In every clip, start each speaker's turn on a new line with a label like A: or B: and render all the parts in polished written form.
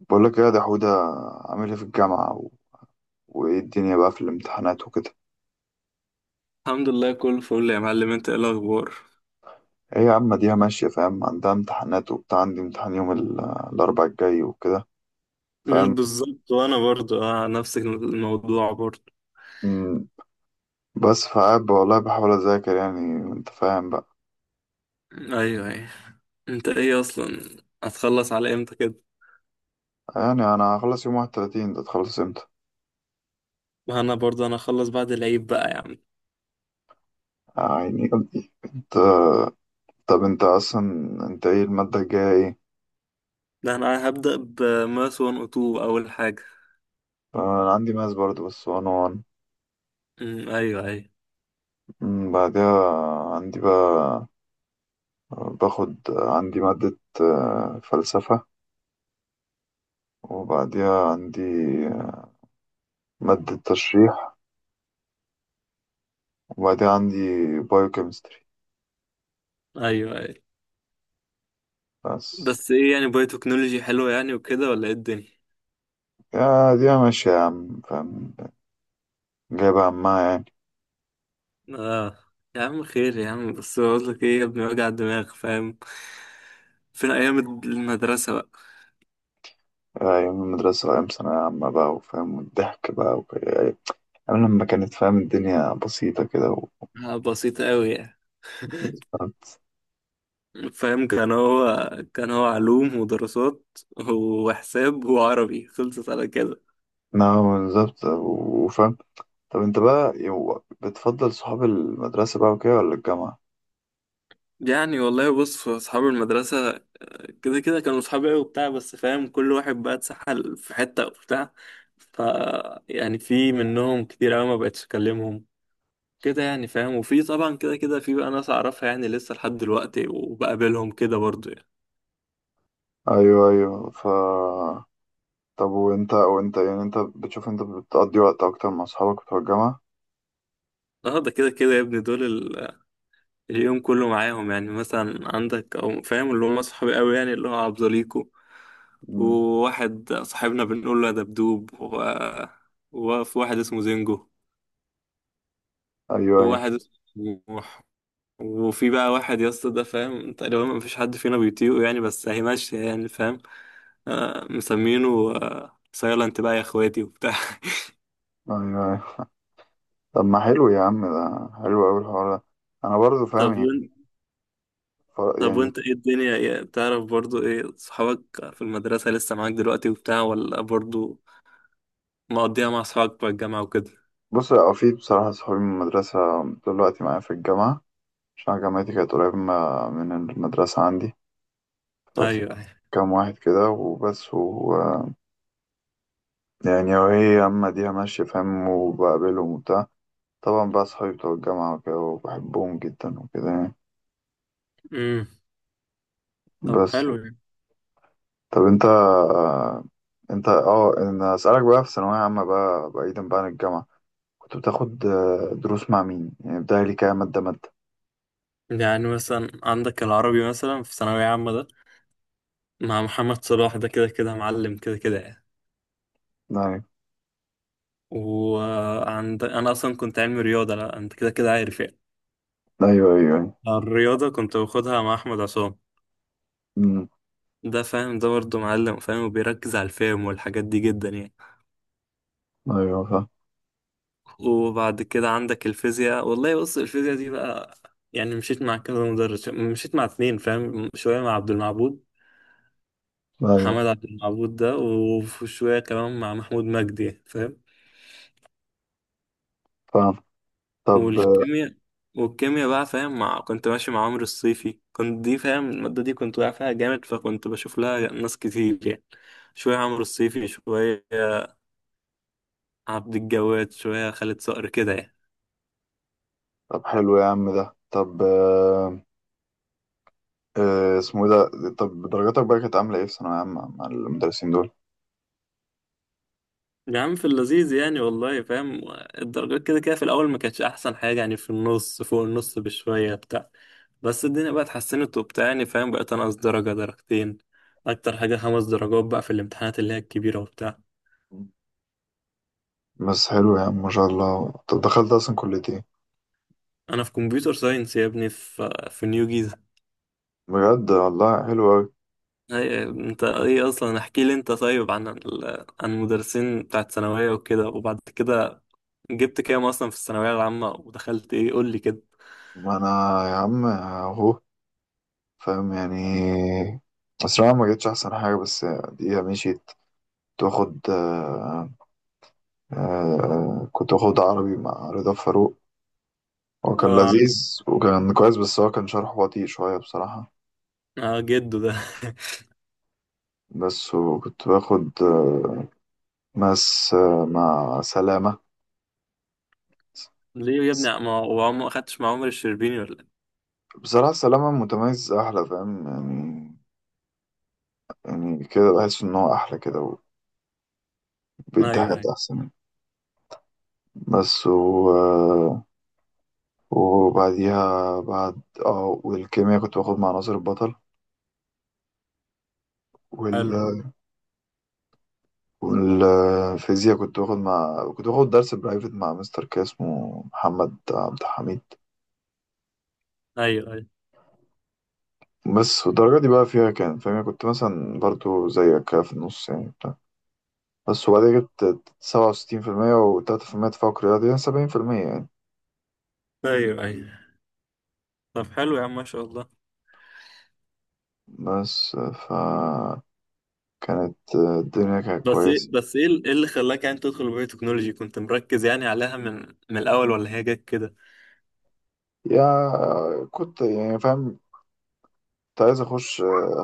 A: بقول لك ايه يا دحودة. عامل ايه في الجامعة وايه الدنيا بقى في الامتحانات وكده؟
B: الحمد لله، كله فل يا معلم. انت ايه الاخبار؟
A: ايه يا عم، دي ماشية، فاهم، عندها امتحانات وبتاع. عندي امتحان يوم الاربع الجاي وكده، فاهم.
B: بالظبط وانا برضو نفس الموضوع برضو.
A: مم، بس فقاعد بقى والله بحاول اذاكر يعني. انت فاهم بقى.
B: ايوه ايوه. انت ايه اصلا، هتخلص على امتى كده؟
A: يعني انا هخلص يوم 31. ده تخلص امتى؟
B: ما انا برضو هخلص بعد العيد بقى يا عم.
A: يعني قلبي انت. طب انت اصلا، انت ايه المادة الجاية ايه؟
B: ده انا هبدأ بماس 102 اول حاجة.
A: انا عندي ماس برضه بس وان وان.
B: مم، ايوه ايوه
A: بعدها عندي بقى، باخد عندي مادة فلسفة. وبعديها عندي مادة تشريح. وبعديها عندي بايوكيمستري
B: ايوه ايوه.
A: بس.
B: بس ايه يعني، باي تكنولوجي حلوه يعني وكده ولا ايه الدنيا؟
A: يا دي ماشية يا عم، فاهم، جايبة عمها يعني.
B: اه. يا عم خير يا عم، بس بقول لك ايه يا ابني، وجع الدماغ فاهم. فين ايام المدرسة بقى.
A: أيام المدرسة وأيام ثانوية عامة بقى، وفاهم، والضحك بقى يعني أيام لما كانت، فاهم، الدنيا بسيطة كده
B: آه، بسيطة قوي يعني. فاهم، كان هو علوم ودراسات وحساب وعربي، خلصت على كده.
A: نعم بالظبط، وفاهم. طب أنت بقى بتفضل صحاب المدرسة بقى وكده ولا الجامعة؟
B: يعني والله بص، في أصحاب المدرسة كده كده كانوا أصحابي أوي وبتاع، بس فاهم كل واحد بقى اتسحل في حتة وبتاع. ف يعني في منهم كتير أوي ما بقتش أكلمهم كده يعني فاهم. وفي طبعا كده كده، في بقى ناس أعرفها يعني لسه لحد دلوقتي وبقابلهم كده برضه يعني.
A: أيوه أيوه، طب وأنت يعني، أنت بتشوف أنت بتقضي وقت أكتر مع صحابك بتوع الجامعة؟
B: اه، ده كده كده يا ابني دول اليوم كله معاهم. يعني مثلا عندك، او فاهم، اللي هم صحابي قوي يعني، اللي هو عبد زليكو وواحد صاحبنا بنقول له يا دبدوب، وفي واحد اسمه زينجو،
A: ايوه ايوه
B: وواحد اسمه طموح. وفي بقى واحد يا اسطى، ده فاهم تقريبا ما فيش حد فينا بيطيقه يعني، بس هي ماشية يعني فاهم. آه مسمينه آه سايلنت بقى يا اخواتي وبتاع.
A: ايوه ايوه. طب ما حلو يا عم، ده حلو اوي الحوار ده. انا برضه فاهم
B: طب وانت
A: يعني.
B: طب
A: يعني
B: وانت ايه الدنيا إيه؟ بتعرف برضو ايه صحابك في المدرسة لسه معاك دلوقتي وبتاع، ولا برضو مقضيها مع أصحابك بقى الجامعة وكده؟
A: بص، هو في بصراحه صحابي من المدرسه دلوقتي معايا في الجامعه، عشان جامعتي كانت قريبه من المدرسه عندي.
B: أيوه
A: ففي
B: أيوه.
A: كام واحد كده وبس، و يعني، وهي اما ديها ماشيه، فاهم، وبقابلهم وبتاع. طبعا بقى صحابي بتوع الجامعه وكده، وبحبهم جدا وكده يعني.
B: أمم طب
A: بس.
B: حلو يعني.
A: طب انت اه ان اسالك بقى، في ثانويه عامه بقى، بعيدا بقى عن الجامعه، كنت بتاخد دروس مع مين يعني؟ بداية لي كام مادة مادة؟
B: يعني مثلا عندك العربي مثلا في ثانوية عامة ده، مع محمد صلاح، ده كده كده معلم كده كده يعني.
A: ايوه
B: وعند، أنا أصلا كنت علمي رياضة، لا أنت كده كده عارف يعني.
A: ايوه ايوه ايوه.
B: الرياضة كنت باخدها مع أحمد عصام.
A: أمم،
B: ده فاهم، ده برضه معلم فاهم، وبيركز على الفهم والحاجات دي جدا يعني.
A: أيوة، فاهم.
B: وبعد كده عندك الفيزياء، والله بص الفيزياء دي بقى يعني، مشيت مع كذا مدرس، مشيت مع اتنين فاهم، شوية مع عبد المعبود،
A: ايوه
B: محمد عبد المعبود ده، وفي شوية كمان مع محمود مجدي فاهم.
A: فاهم. طب
B: والكيمياء والكيمياء بقى فاهم، كنت ماشي مع عمرو الصيفي كنت، دي فاهم، المادة دي كنت واقع فيها جامد، فكنت بشوف لها ناس كتير يعني. شوية عمرو الصيفي، شوية عبد الجواد، شوية خالد صقر كده يعني.
A: طب حلو يا عم ده. طب اسمه ايه ده؟ طب درجاتك بقى كانت عاملة ايه في ثانوية عامة مع المدرسين دول؟
B: يا عم في اللذيذ يعني والله فاهم. الدرجات كده كده في الأول ما كانتش أحسن حاجة يعني، في النص فوق النص بشوية بتاع. بس الدنيا بقى اتحسنت وبتاع يعني فاهم، بقيت أنقص درجة درجتين، أكتر حاجة 5 درجات بقى في الامتحانات اللي هي الكبيرة وبتاع.
A: بس حلو يا عم، ما شاء الله. طب دخلت اصلا كلية ايه؟
B: أنا في كمبيوتر ساينس يا ابني، في نيو جيزة.
A: بجد والله حلو أوي.
B: هي أنت إيه أصلا، احكي لي أنت طيب عن عن المدرسين بتاعت ثانوية وكده، وبعد كده جبت كام أصلا في الثانوية العامة ودخلت إيه، قول لي كده.
A: ما أنا، يا عم أهو، فاهم يعني. بس أنا ما جتش أحسن حاجة، بس دي مشيت. كنت باخد كنت واخد عربي مع رضا فاروق. هو كان
B: آه،
A: لذيذ وكان كويس، بس هو كان شرحه بطيء شوية بصراحة.
B: آه جده ده.
A: بس وكنت باخد ماس مع سلامة.
B: ليه يا ابني ما هو ما اخدتش مع عمر الشربيني ولا إيه؟
A: بصراحة سلامة متميز أحلى، فاهم يعني. يعني كده بحس إن هو أحلى كده، وبيدي
B: ايوه
A: حاجات
B: ايوه
A: أحسن يعني. بس و... آه، وبعديها بعد اه، والكيمياء كنت باخد مع ناصر البطل وال...
B: حلو.
A: والفيزياء كنت باخد درس برايفت مع مستر كده اسمه محمد عبد الحميد.
B: ايوه ايوه.
A: بس. والدرجة دي بقى فيها كان، فاهم يعني، كنت مثلا برضو زيك كده في النص يعني بتاع. بس وبعدين جبت 67%، وتلاتة في المية تفوق رياضي، يعني 70% يعني.
B: ايوه ايوه. طب حلو يا عم ما شاء الله.
A: بس كانت الدنيا كانت كويسة.
B: بس ايه إيه اللي خلاك يعني تدخل بايو تكنولوجي؟ كنت مركز يعني عليها من الاول ولا هي جت كده؟
A: يا كنت يعني فاهم، كنت عايز أخش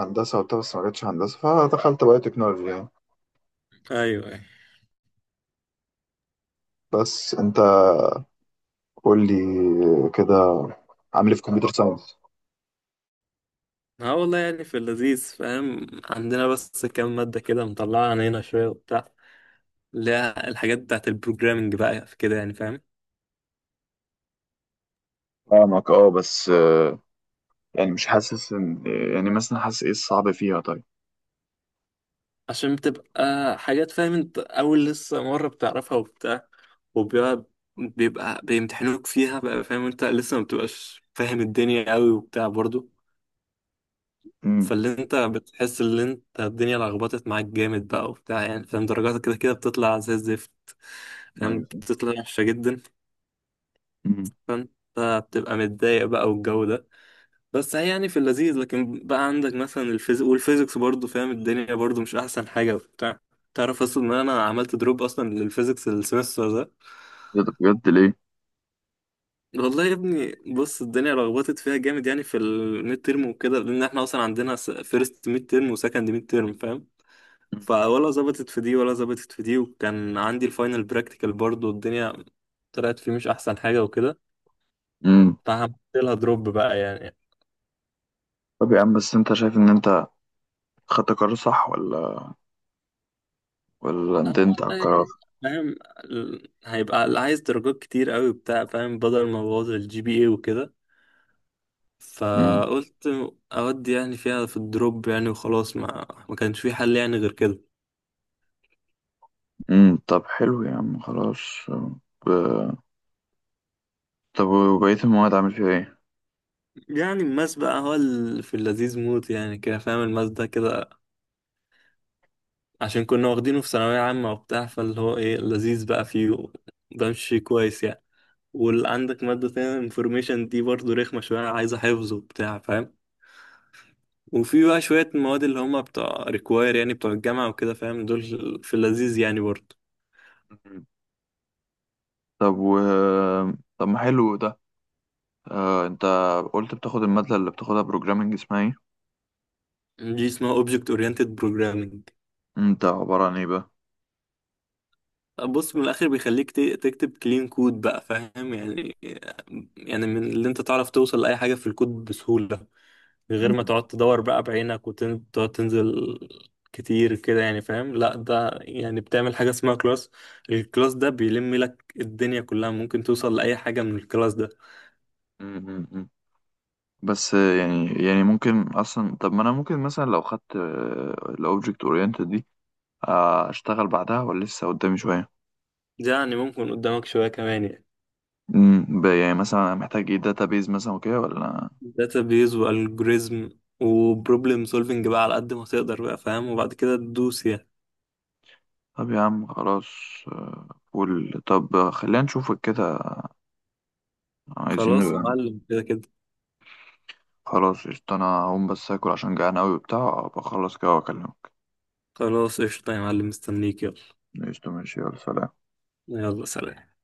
A: هندسة وبتاع، بس ما جاتش هندسة فدخلت بقى تكنولوجي يعني.
B: ايوه ايوه.
A: بس أنت قول لي كده، عامل ايه في كمبيوتر ساينس؟
B: اه والله يعني في اللذيذ فاهم عندنا، بس كام مادة كده مطلعة علينا شوية وبتاع، اللي هي الحاجات بتاعت البروجرامنج بقى في كده يعني فاهم.
A: فاهمك اه. بس يعني مش حاسس ان، يعني مثلا حاسس ايه الصعب فيها طيب؟
B: عشان بتبقى حاجات فاهم، انت اول لسه مرة بتعرفها وبتاع، وبيبقى بيبقى بيمتحنوك فيها بقى فاهم، انت لسه ما بتبقاش فاهم الدنيا قوي وبتاع برضو.
A: امم.
B: فاللي انت بتحس ان انت الدنيا لخبطت معاك جامد بقى وبتاع يعني فاهم، درجاتك كده كده بتطلع زي الزفت، فاهم
A: ايوه.
B: بتطلع وحشة جدا.
A: امم.
B: فانت بتبقى متضايق بقى والجو ده. بس هي يعني في اللذيذ، لكن بقى عندك مثلا الفيزيك والفيزيكس برضو فاهم، الدنيا برضو مش احسن حاجة وبتاع. تعرف اصلا ان انا عملت دروب اصلا للفيزيكس السمستر ده؟
A: إيه ده؟ بجد؟ ليه؟
B: والله يا ابني بص، الدنيا لخبطت فيها جامد يعني في الميد ترم وكده، لان احنا اصلا عندنا فيرست ميد ترم وسكند ميد ترم فاهم، فولا ظبطت في دي ولا ظبطت في دي، وكان عندي الفاينل براكتيكال برضه الدنيا طلعت فيه مش احسن حاجه وكده.
A: امم.
B: فعملت لها دروب بقى يعني.
A: طب يا عم، بس انت شايف ان انت خدت قرار صح، ولا
B: أنا
A: ندمت على
B: والله
A: القرار؟
B: فاهم هيبقى اللي عايز درجات كتير قوي بتاع فاهم، بدل ما بوظ الجي بي اي وكده،
A: امم.
B: فقلت اودي يعني فيها في الدروب يعني وخلاص، ما كانش في حل يعني غير كده.
A: امم. طب حلو يا عم، خلاص. ب- طب وبقية المواد عامل فيها ايه؟
B: يعني الماس بقى في اللذيذ موت يعني كده فاهم، الماس ده كده عشان كنا واخدينه في ثانوية عامة وبتاع، فاللي هو ايه لذيذ بقى فيه، بمشي كويس يعني. وعندك مادة تانية انفورميشن دي برضه رخمة شوية، عايزة حفظ وبتاع فاهم. وفي بقى شوية مواد اللي هما بتوع ريكواير يعني بتوع الجامعة وكده فاهم دول، في اللذيذ يعني برضه.
A: مم. طب طب ما حلو ده. آه، انت قلت بتاخد المادة اللي بتاخدها بروجرامنج، اسمها ايه؟
B: دي اسمها اوبجكت اورينتد بروجرامنج.
A: انت عبارة عن ايه بقى؟
B: بص من الاخر بيخليك تكتب كلين كود بقى فاهم يعني، يعني من اللي انت تعرف توصل لاي حاجه في الكود بسهوله، من غير ما
A: مم.
B: تقعد تدور بقى بعينك وتقعد تنزل كتير كده يعني فاهم. لا، ده يعني بتعمل حاجة اسمها كلاس، الكلاس ده بيلم لك الدنيا كلها، ممكن توصل لأي حاجة من الكلاس ده.
A: مم. مم. مم. بس يعني ممكن اصلا، طب ما انا ممكن مثلا لو خدت الاوبجكت اورينتد دي اشتغل بعدها، ولا لسه قدامي شوية؟
B: ده يعني ممكن قدامك شوية كمان يعني.
A: مم. يعني مثلا أنا محتاج ايه؟ داتابيز مثلا وكده ولا؟
B: داتابيز والجوريزم وبروبلم سولفنج بقى، على قد ما تقدر بقى فاهم، وبعد كده تدوس يعني.
A: طب يا عم، خلاص قول. طب خلينا نشوفك كده. عايزين
B: خلاص يا
A: نبقى.
B: معلم كده كده.
A: خلاص قشطة، انا هقوم بس اكل عشان جعان اوي وبتاع، بخلص كده واكلمك.
B: خلاص قشطة يا معلم، مستنيك يلا.
A: قشطة، ماشي، يلا سلام.
B: يلا سلام.